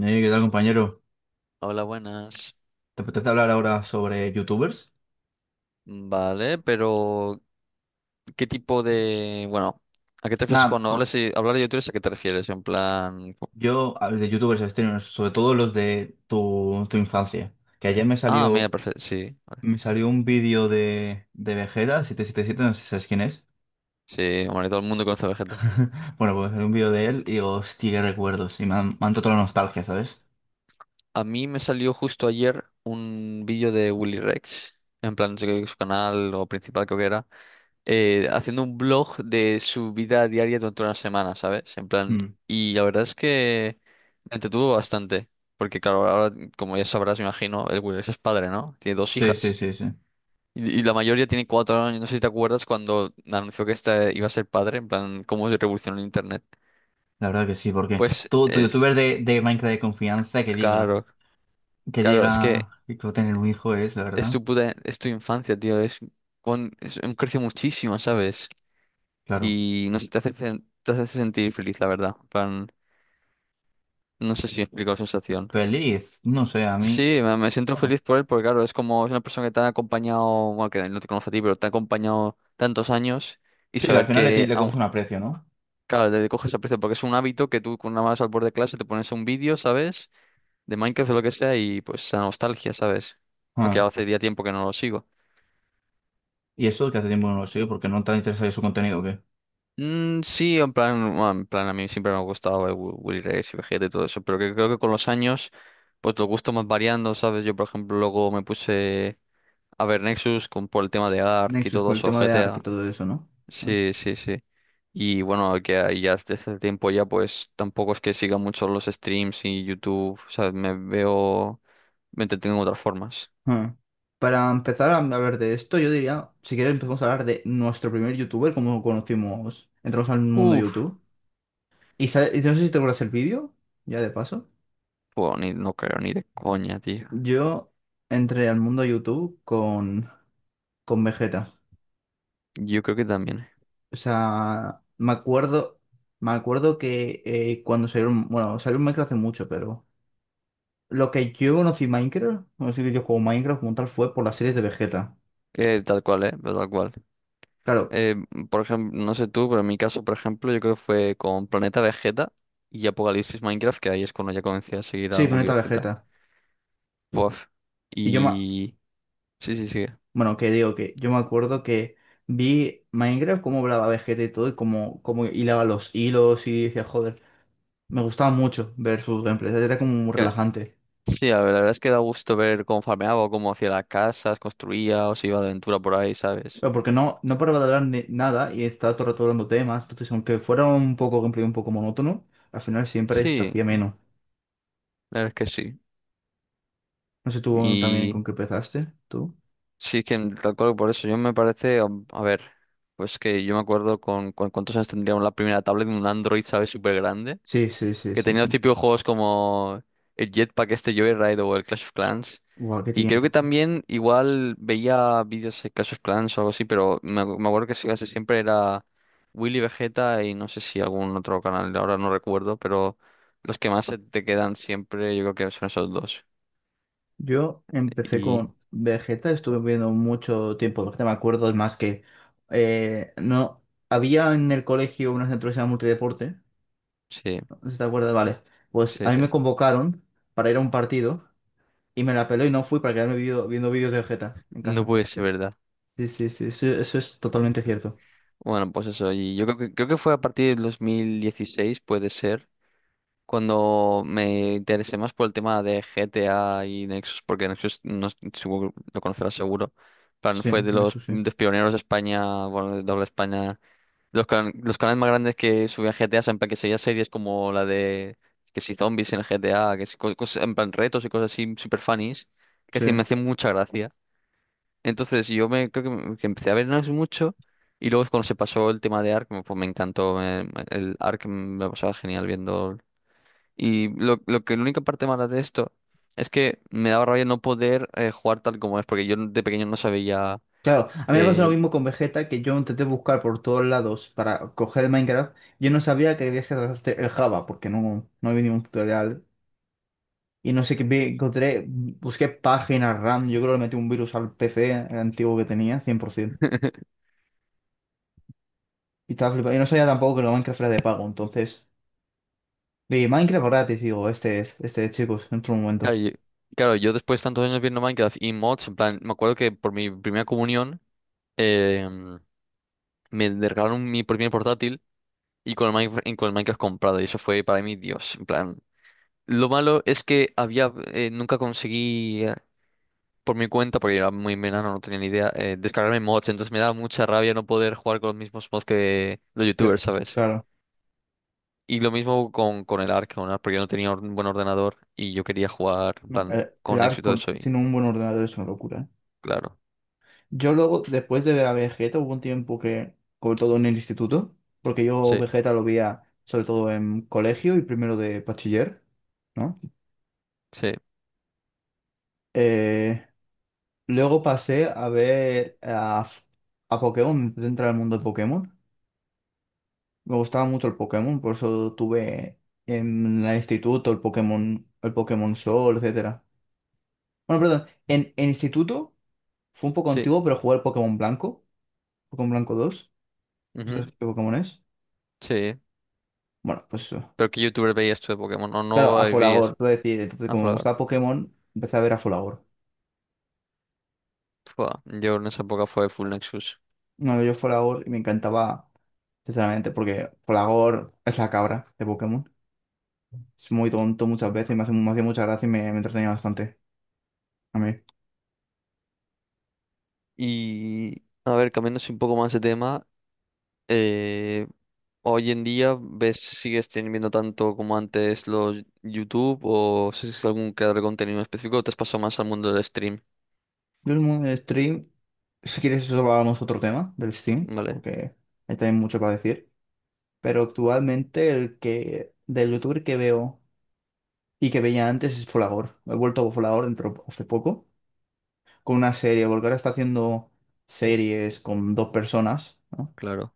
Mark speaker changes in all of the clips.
Speaker 1: ¿Qué tal, compañero?
Speaker 2: Hola, buenas.
Speaker 1: ¿Te apetece hablar ahora sobre youtubers?
Speaker 2: Vale, pero ¿qué tipo de... ¿a qué te refieres
Speaker 1: Nada,
Speaker 2: cuando hablas y hablar de youtubers? ¿A qué te refieres? En plan...
Speaker 1: yo a ver, de youtubers extraños, sobre todo los de tu infancia. Que ayer me
Speaker 2: Ah, mira,
Speaker 1: salió,
Speaker 2: perfecto. Sí, vale.
Speaker 1: me salió un vídeo de Vegeta 777. No sé si sabes quién es.
Speaker 2: Sí, hombre, todo el mundo conoce a Vegeta.
Speaker 1: Bueno, pues salió un vídeo de él y digo, hostia, qué recuerdos. Y me han tocado la nostalgia, ¿sabes?
Speaker 2: A mí me salió justo ayer un vídeo de Willy Rex, en plan su canal o principal creo que era, haciendo un blog de su vida diaria durante una semana, ¿sabes? En plan...
Speaker 1: Mm.
Speaker 2: Y la verdad es que me entretuvo bastante. Porque claro, ahora, como ya sabrás, me imagino, el Willy Rex es padre, ¿no? Tiene dos
Speaker 1: Sí, sí,
Speaker 2: hijas.
Speaker 1: sí, sí.
Speaker 2: Y la mayoría tiene 4 años. No sé si te acuerdas cuando anunció que esta iba a ser padre, en plan, cómo se revolucionó el internet.
Speaker 1: La verdad que sí, porque
Speaker 2: Pues
Speaker 1: tu
Speaker 2: es,
Speaker 1: youtuber de Minecraft de confianza que diga,
Speaker 2: claro,
Speaker 1: que
Speaker 2: claro, es que
Speaker 1: diga que va a tener un hijo es, la
Speaker 2: es
Speaker 1: verdad.
Speaker 2: tu puta, es tu infancia, tío. Es, con, es, crece muchísimo, ¿sabes?
Speaker 1: Claro.
Speaker 2: Y no sé, te hace, te hace sentir feliz, la verdad. En plan, no sé si explico la sensación.
Speaker 1: Feliz, no sé, a mí.
Speaker 2: Sí, me siento
Speaker 1: Bueno.
Speaker 2: feliz por él, porque claro, es como es una persona que te ha acompañado, bueno, que no te conoce a ti, pero te ha acompañado tantos años y
Speaker 1: Sí, que al
Speaker 2: saber
Speaker 1: final le, ti-
Speaker 2: que
Speaker 1: le coges un aprecio, ¿no?
Speaker 2: claro, le coges aprecio porque es un hábito que tú con una más al borde de clase te pones un vídeo, ¿sabes? De Minecraft o lo que sea y pues la nostalgia, ¿sabes? Aunque
Speaker 1: Ah.
Speaker 2: hace ya tiempo que no lo sigo.
Speaker 1: ¿Y eso que hace tiempo no lo sigue porque no te ha interesado su contenido, o qué?
Speaker 2: Mm, sí, en plan, bueno, en plan a mí siempre me ha gustado Willy Rex y Vegeta y todo eso, pero que creo que con los años pues los gustos más variando, ¿sabes? Yo por ejemplo luego me puse a ver Nexus con, por el tema de Ark y
Speaker 1: Nexus,
Speaker 2: todo
Speaker 1: por el
Speaker 2: eso,
Speaker 1: tema de Ark y
Speaker 2: GTA.
Speaker 1: todo eso, ¿no? Ah,
Speaker 2: Sí, sí, sí. Y bueno, que ahí ya desde hace tiempo ya pues tampoco es que siga mucho los streams y YouTube, o sea, me veo, me entretengo en otras formas.
Speaker 1: ah. Para empezar a hablar de esto, yo diría, si quieres empezamos a hablar de nuestro primer youtuber, cómo conocimos, entramos al mundo
Speaker 2: Uf,
Speaker 1: YouTube. Y no sé si te acuerdas el vídeo, ya de paso.
Speaker 2: pues ni, no creo ni de coña, tío.
Speaker 1: Yo entré al mundo YouTube con Vegeta.
Speaker 2: Yo creo que también.
Speaker 1: O sea, me acuerdo que cuando salió, bueno, salió un Minecraft hace mucho, pero. Lo que yo conocí Minecraft, conocí el videojuego Minecraft como tal fue por las series de Vegeta.
Speaker 2: Tal cual, pero tal cual.
Speaker 1: Claro,
Speaker 2: Eh, por ejemplo, no sé tú, pero en mi caso, por ejemplo, yo creo que fue con Planeta Vegeta y Apocalipsis Minecraft, que ahí es cuando ya comencé a seguir a
Speaker 1: sí,
Speaker 2: Willy
Speaker 1: Planeta
Speaker 2: Vegeta.
Speaker 1: Vegeta.
Speaker 2: Buah.
Speaker 1: Y yo me.
Speaker 2: Y... Sí, sí, sí.
Speaker 1: Bueno, que digo que yo me acuerdo que vi Minecraft, cómo hablaba Vegeta y todo, y cómo hilaba los hilos y decía, joder, me gustaba mucho ver sus gameplays, era como muy relajante.
Speaker 2: Sí, la verdad es que da gusto ver cómo farmeaba, o cómo hacía las casas, construía o se iba de aventura por ahí, ¿sabes?
Speaker 1: Pero porque no paraba de hablar nada y estaba todo el rato hablando temas, entonces aunque fuera un poco gameplay un poco monótono, al final siempre se te
Speaker 2: Sí,
Speaker 1: hacía menos.
Speaker 2: la verdad es que sí.
Speaker 1: No sé tú también
Speaker 2: Y
Speaker 1: con qué empezaste, tú.
Speaker 2: sí que tal cual por eso yo me parece, a ver, pues que yo me acuerdo con cuántos años tendríamos la primera tablet de un Android, ¿sabes? Súper grande,
Speaker 1: Sí, sí, sí,
Speaker 2: que
Speaker 1: sí,
Speaker 2: tenía los
Speaker 1: sí.
Speaker 2: típicos juegos como el Jetpack este Joyride o el Clash of Clans.
Speaker 1: Guau, qué
Speaker 2: Y creo que
Speaker 1: tiempos.
Speaker 2: también igual veía vídeos de Clash of Clans o algo así, pero me, me acuerdo que sí, casi siempre era Willy Vegeta y no sé si algún otro canal, ahora no recuerdo, pero los que más se te quedan siempre yo creo que son esos dos.
Speaker 1: Yo empecé
Speaker 2: Y
Speaker 1: con Vegeta, estuve viendo mucho tiempo, Vegeta, me acuerdo, es más que no había en el colegio una centro que se llama multideporte,
Speaker 2: sí,
Speaker 1: ¿no? ¿Si te acuerdas? Vale, pues
Speaker 2: sí,
Speaker 1: a mí
Speaker 2: sí.
Speaker 1: me convocaron para ir a un partido y me la peló y no fui para quedarme viendo vídeos de Vegeta en
Speaker 2: No
Speaker 1: casa.
Speaker 2: puede ser verdad.
Speaker 1: Sí, sí, sí, sí, eso es totalmente cierto.
Speaker 2: Bueno, pues eso, y yo creo que fue a partir del 2016, puede ser, cuando me interesé más por el tema de GTA y Nexus, porque Nexus no, supongo que lo conocerás seguro, plan,
Speaker 1: Sí,
Speaker 2: fue
Speaker 1: eso sí,
Speaker 2: de los pioneros de España, bueno, de doble España, de los, los canales más grandes que subían GTA, en plan que seguía series como la de que si zombies en el GTA, que si cosas, en plan retos y cosas así super funnies, que
Speaker 1: sí.
Speaker 2: decir, me hacían mucha gracia. Entonces yo me creo que, que empecé a ver Nexus mucho y luego es cuando se pasó el tema de Ark, pues me encantó, el Ark me lo pasaba genial viendo y lo que la única parte mala de esto es que me daba rabia no poder jugar tal como es, porque yo de pequeño no sabía.
Speaker 1: Claro, a mí me pasó lo
Speaker 2: eh,
Speaker 1: mismo con Vegeta, que yo intenté buscar por todos lados para coger el Minecraft. Yo no sabía que debías descargarte el Java, porque no había ningún tutorial. Y no sé qué, encontré, busqué páginas RAM, yo creo que le metí un virus al PC antiguo que tenía, 100%. Y estaba flipado. Y no sabía tampoco que lo Minecraft era de pago, entonces. Y Minecraft gratis, digo, este es, chicos, en otro
Speaker 2: claro,
Speaker 1: momento.
Speaker 2: yo, claro, yo después de tantos años viendo Minecraft y mods, en plan, me acuerdo que por mi primera comunión eh, me regalaron mi primer portátil y con el Minecraft comprado, y eso fue para mí Dios. En plan, lo malo es que había nunca conseguí. Por mi cuenta, porque yo era muy menano, no tenía ni idea, descargarme mods. Entonces me daba mucha rabia no poder jugar con los mismos mods que los
Speaker 1: Que,
Speaker 2: youtubers, ¿sabes?
Speaker 1: claro,
Speaker 2: Y lo mismo con el Ark, porque yo no tenía un buen ordenador y yo quería jugar en
Speaker 1: no,
Speaker 2: plan,
Speaker 1: el
Speaker 2: con
Speaker 1: Ark
Speaker 2: éxito de Soy.
Speaker 1: sin un buen ordenador es una locura, ¿eh?
Speaker 2: Claro.
Speaker 1: Yo luego, después de ver a Vegeta, hubo un tiempo que, sobre todo en el instituto, porque yo
Speaker 2: Sí,
Speaker 1: Vegeta lo veía sobre todo en colegio y primero de bachiller, ¿no?
Speaker 2: sí,
Speaker 1: Eh, luego pasé a ver a, Pokémon, me empecé a entrar al mundo de Pokémon. Me gustaba mucho el Pokémon, por eso tuve en el instituto el Pokémon Sol, etcétera. Bueno, perdón, en instituto fue un poco
Speaker 2: sí.
Speaker 1: antiguo, pero jugué al Pokémon Blanco, Pokémon Blanco dos, ¿no?
Speaker 2: Ujú,
Speaker 1: ¿Sabes qué Pokémon es?
Speaker 2: sí.
Speaker 1: Bueno, pues eso.
Speaker 2: Pero ¿qué youtuber veías tú de Pokémon? No,
Speaker 1: Claro,
Speaker 2: no
Speaker 1: a
Speaker 2: veías
Speaker 1: Folagor, te voy a decir. Entonces,
Speaker 2: a
Speaker 1: como me gustaba
Speaker 2: Flagar.
Speaker 1: Pokémon, empecé a ver a Folagor.
Speaker 2: Fua, yo en esa época fue Full Nexus.
Speaker 1: No, yo Folagor y me encantaba, sinceramente, porque Folagor es la cabra de Pokémon. Es muy tonto muchas veces, me hacía mucha gracia y me entretenía bastante. A mí.
Speaker 2: Y a ver, cambiando así un poco más de tema, eh, hoy en día, ¿ves, si sigues teniendo tanto como antes los YouTube o si es algún creador de contenido específico o te has pasado más al mundo del stream?
Speaker 1: Yo el stream, si quieres eso hablamos otro tema del stream,
Speaker 2: ¿Vale?
Speaker 1: porque hay también mucho para decir. Pero actualmente el que del youtuber que veo y que veía antes es Folagor. He vuelto a Folagor dentro hace poco con una serie, porque ahora está haciendo series con dos personas, ¿no?
Speaker 2: Claro.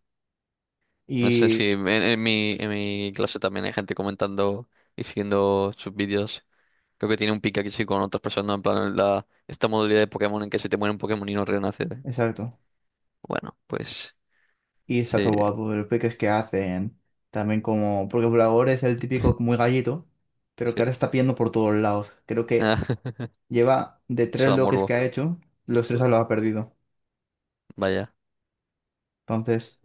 Speaker 2: No sé si
Speaker 1: Y
Speaker 2: en, en mi clase también hay gente comentando y siguiendo sus vídeos. Creo que tiene un pique aquí sí con otras personas, en plan la, esta modalidad de Pokémon en que se te muere un Pokémon y no renace.
Speaker 1: exacto.
Speaker 2: Bueno, pues
Speaker 1: Y está
Speaker 2: sí,
Speaker 1: todo guapo. Los peques que hacen, también como. Porque Bulagor es el típico muy gallito, pero que
Speaker 2: sí.
Speaker 1: ahora está pidiendo por todos lados. Creo que lleva de
Speaker 2: Eso
Speaker 1: tres
Speaker 2: da
Speaker 1: loques que
Speaker 2: morbo,
Speaker 1: ha hecho, los tres lo ha perdido.
Speaker 2: vaya.
Speaker 1: Entonces,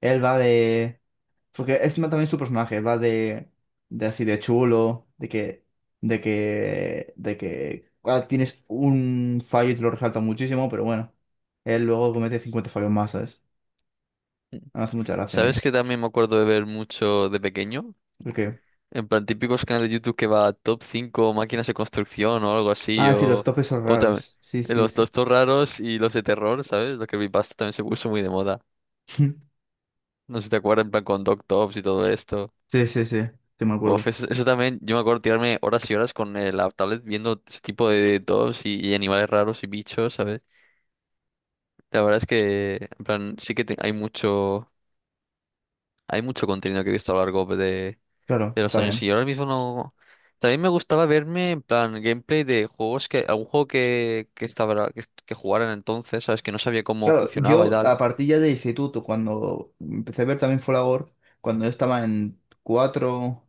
Speaker 1: él va de. Porque es también su personaje, va de. De así de chulo, de que. De que. De que. Ah, tienes un fallo y te lo resalta muchísimo, pero bueno. Él luego comete 50 fallos más, ¿sabes? Me hace mucha gracia a mí.
Speaker 2: ¿Sabes que también me acuerdo de ver mucho de pequeño?
Speaker 1: Porque.
Speaker 2: En plan, típicos canales de YouTube que va top 5 máquinas de construcción o algo así,
Speaker 1: Ah, sí, los topes son
Speaker 2: o también
Speaker 1: raros. Sí, sí.
Speaker 2: los
Speaker 1: Sí.
Speaker 2: tostos raros y los de terror, ¿sabes? Lo que creepypasta también se puso muy de moda.
Speaker 1: Sí,
Speaker 2: No sé si te acuerdas, en plan con Tops y todo esto.
Speaker 1: sí, sí, sí me
Speaker 2: Uf,
Speaker 1: acuerdo.
Speaker 2: eso también, yo me acuerdo tirarme horas y horas con la tablet viendo ese tipo de tops y animales raros y bichos, ¿sabes? La verdad es que, en plan, sí que hay mucho contenido que he visto a lo largo
Speaker 1: Claro,
Speaker 2: de los
Speaker 1: está
Speaker 2: años
Speaker 1: bien.
Speaker 2: y ahora mismo no. También me gustaba verme en plan gameplay de juegos que, algún juego que estaba, que, que jugaran entonces, ¿sabes? Que no sabía cómo
Speaker 1: Claro,
Speaker 2: funcionaba y
Speaker 1: yo
Speaker 2: tal.
Speaker 1: a partir ya de instituto, cuando empecé a ver también Folagor, cuando yo estaba en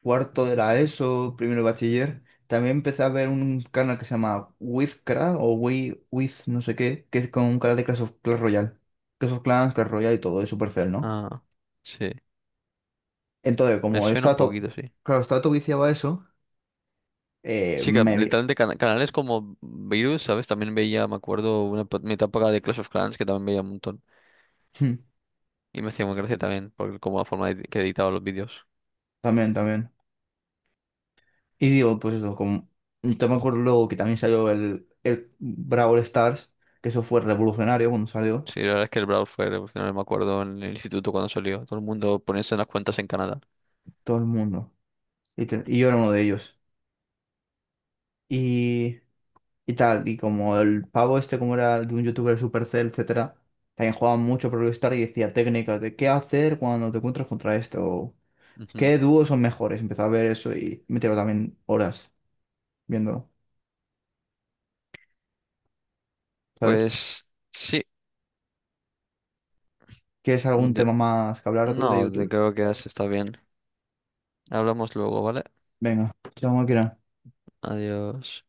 Speaker 1: cuarto de la ESO, primero de bachiller, también empecé a ver un canal que se llama Wizcra o With, no sé qué, que es con un canal de Clash of Clash Royale. Clash of Clans, Clash Royale y todo, de Supercell, ¿no?
Speaker 2: Ah, sí.
Speaker 1: Entonces,
Speaker 2: Me
Speaker 1: como yo
Speaker 2: suena un
Speaker 1: estaba todo,
Speaker 2: poquito, sí.
Speaker 1: claro, estaba todo viciado a eso,
Speaker 2: Sí, que
Speaker 1: me vi.
Speaker 2: literalmente canales como Virus, ¿sabes? También veía, me acuerdo, una mi etapa de Clash of Clans que también veía un montón. Y me hacía muy gracia también, por como la forma que editaba los vídeos.
Speaker 1: También, también. Y digo, pues eso, como yo me acuerdo luego que también salió el Brawl Stars, que eso fue revolucionario cuando salió,
Speaker 2: Sí, la verdad es que el Brawl fue revolucionario, me acuerdo en el instituto cuando salió. Todo el mundo poniéndose en las cuentas en Canadá.
Speaker 1: todo el mundo. Y yo era uno de ellos. Y, y tal, y como el pavo este, como era de un youtuber Supercell, etcétera, también jugaba mucho Brawl Stars y decía técnicas de qué hacer cuando te encuentras contra esto, o
Speaker 2: Ujú.
Speaker 1: qué dúos son mejores. Empezaba a ver eso y me tiraba también horas viéndolo, ¿sabes?
Speaker 2: Pues sí,
Speaker 1: ¿Quieres algún tema más que hablar tú de
Speaker 2: no,
Speaker 1: YouTube?
Speaker 2: creo que ya se está bien. Hablamos luego, ¿vale?
Speaker 1: Venga, chao, máquina.
Speaker 2: Adiós.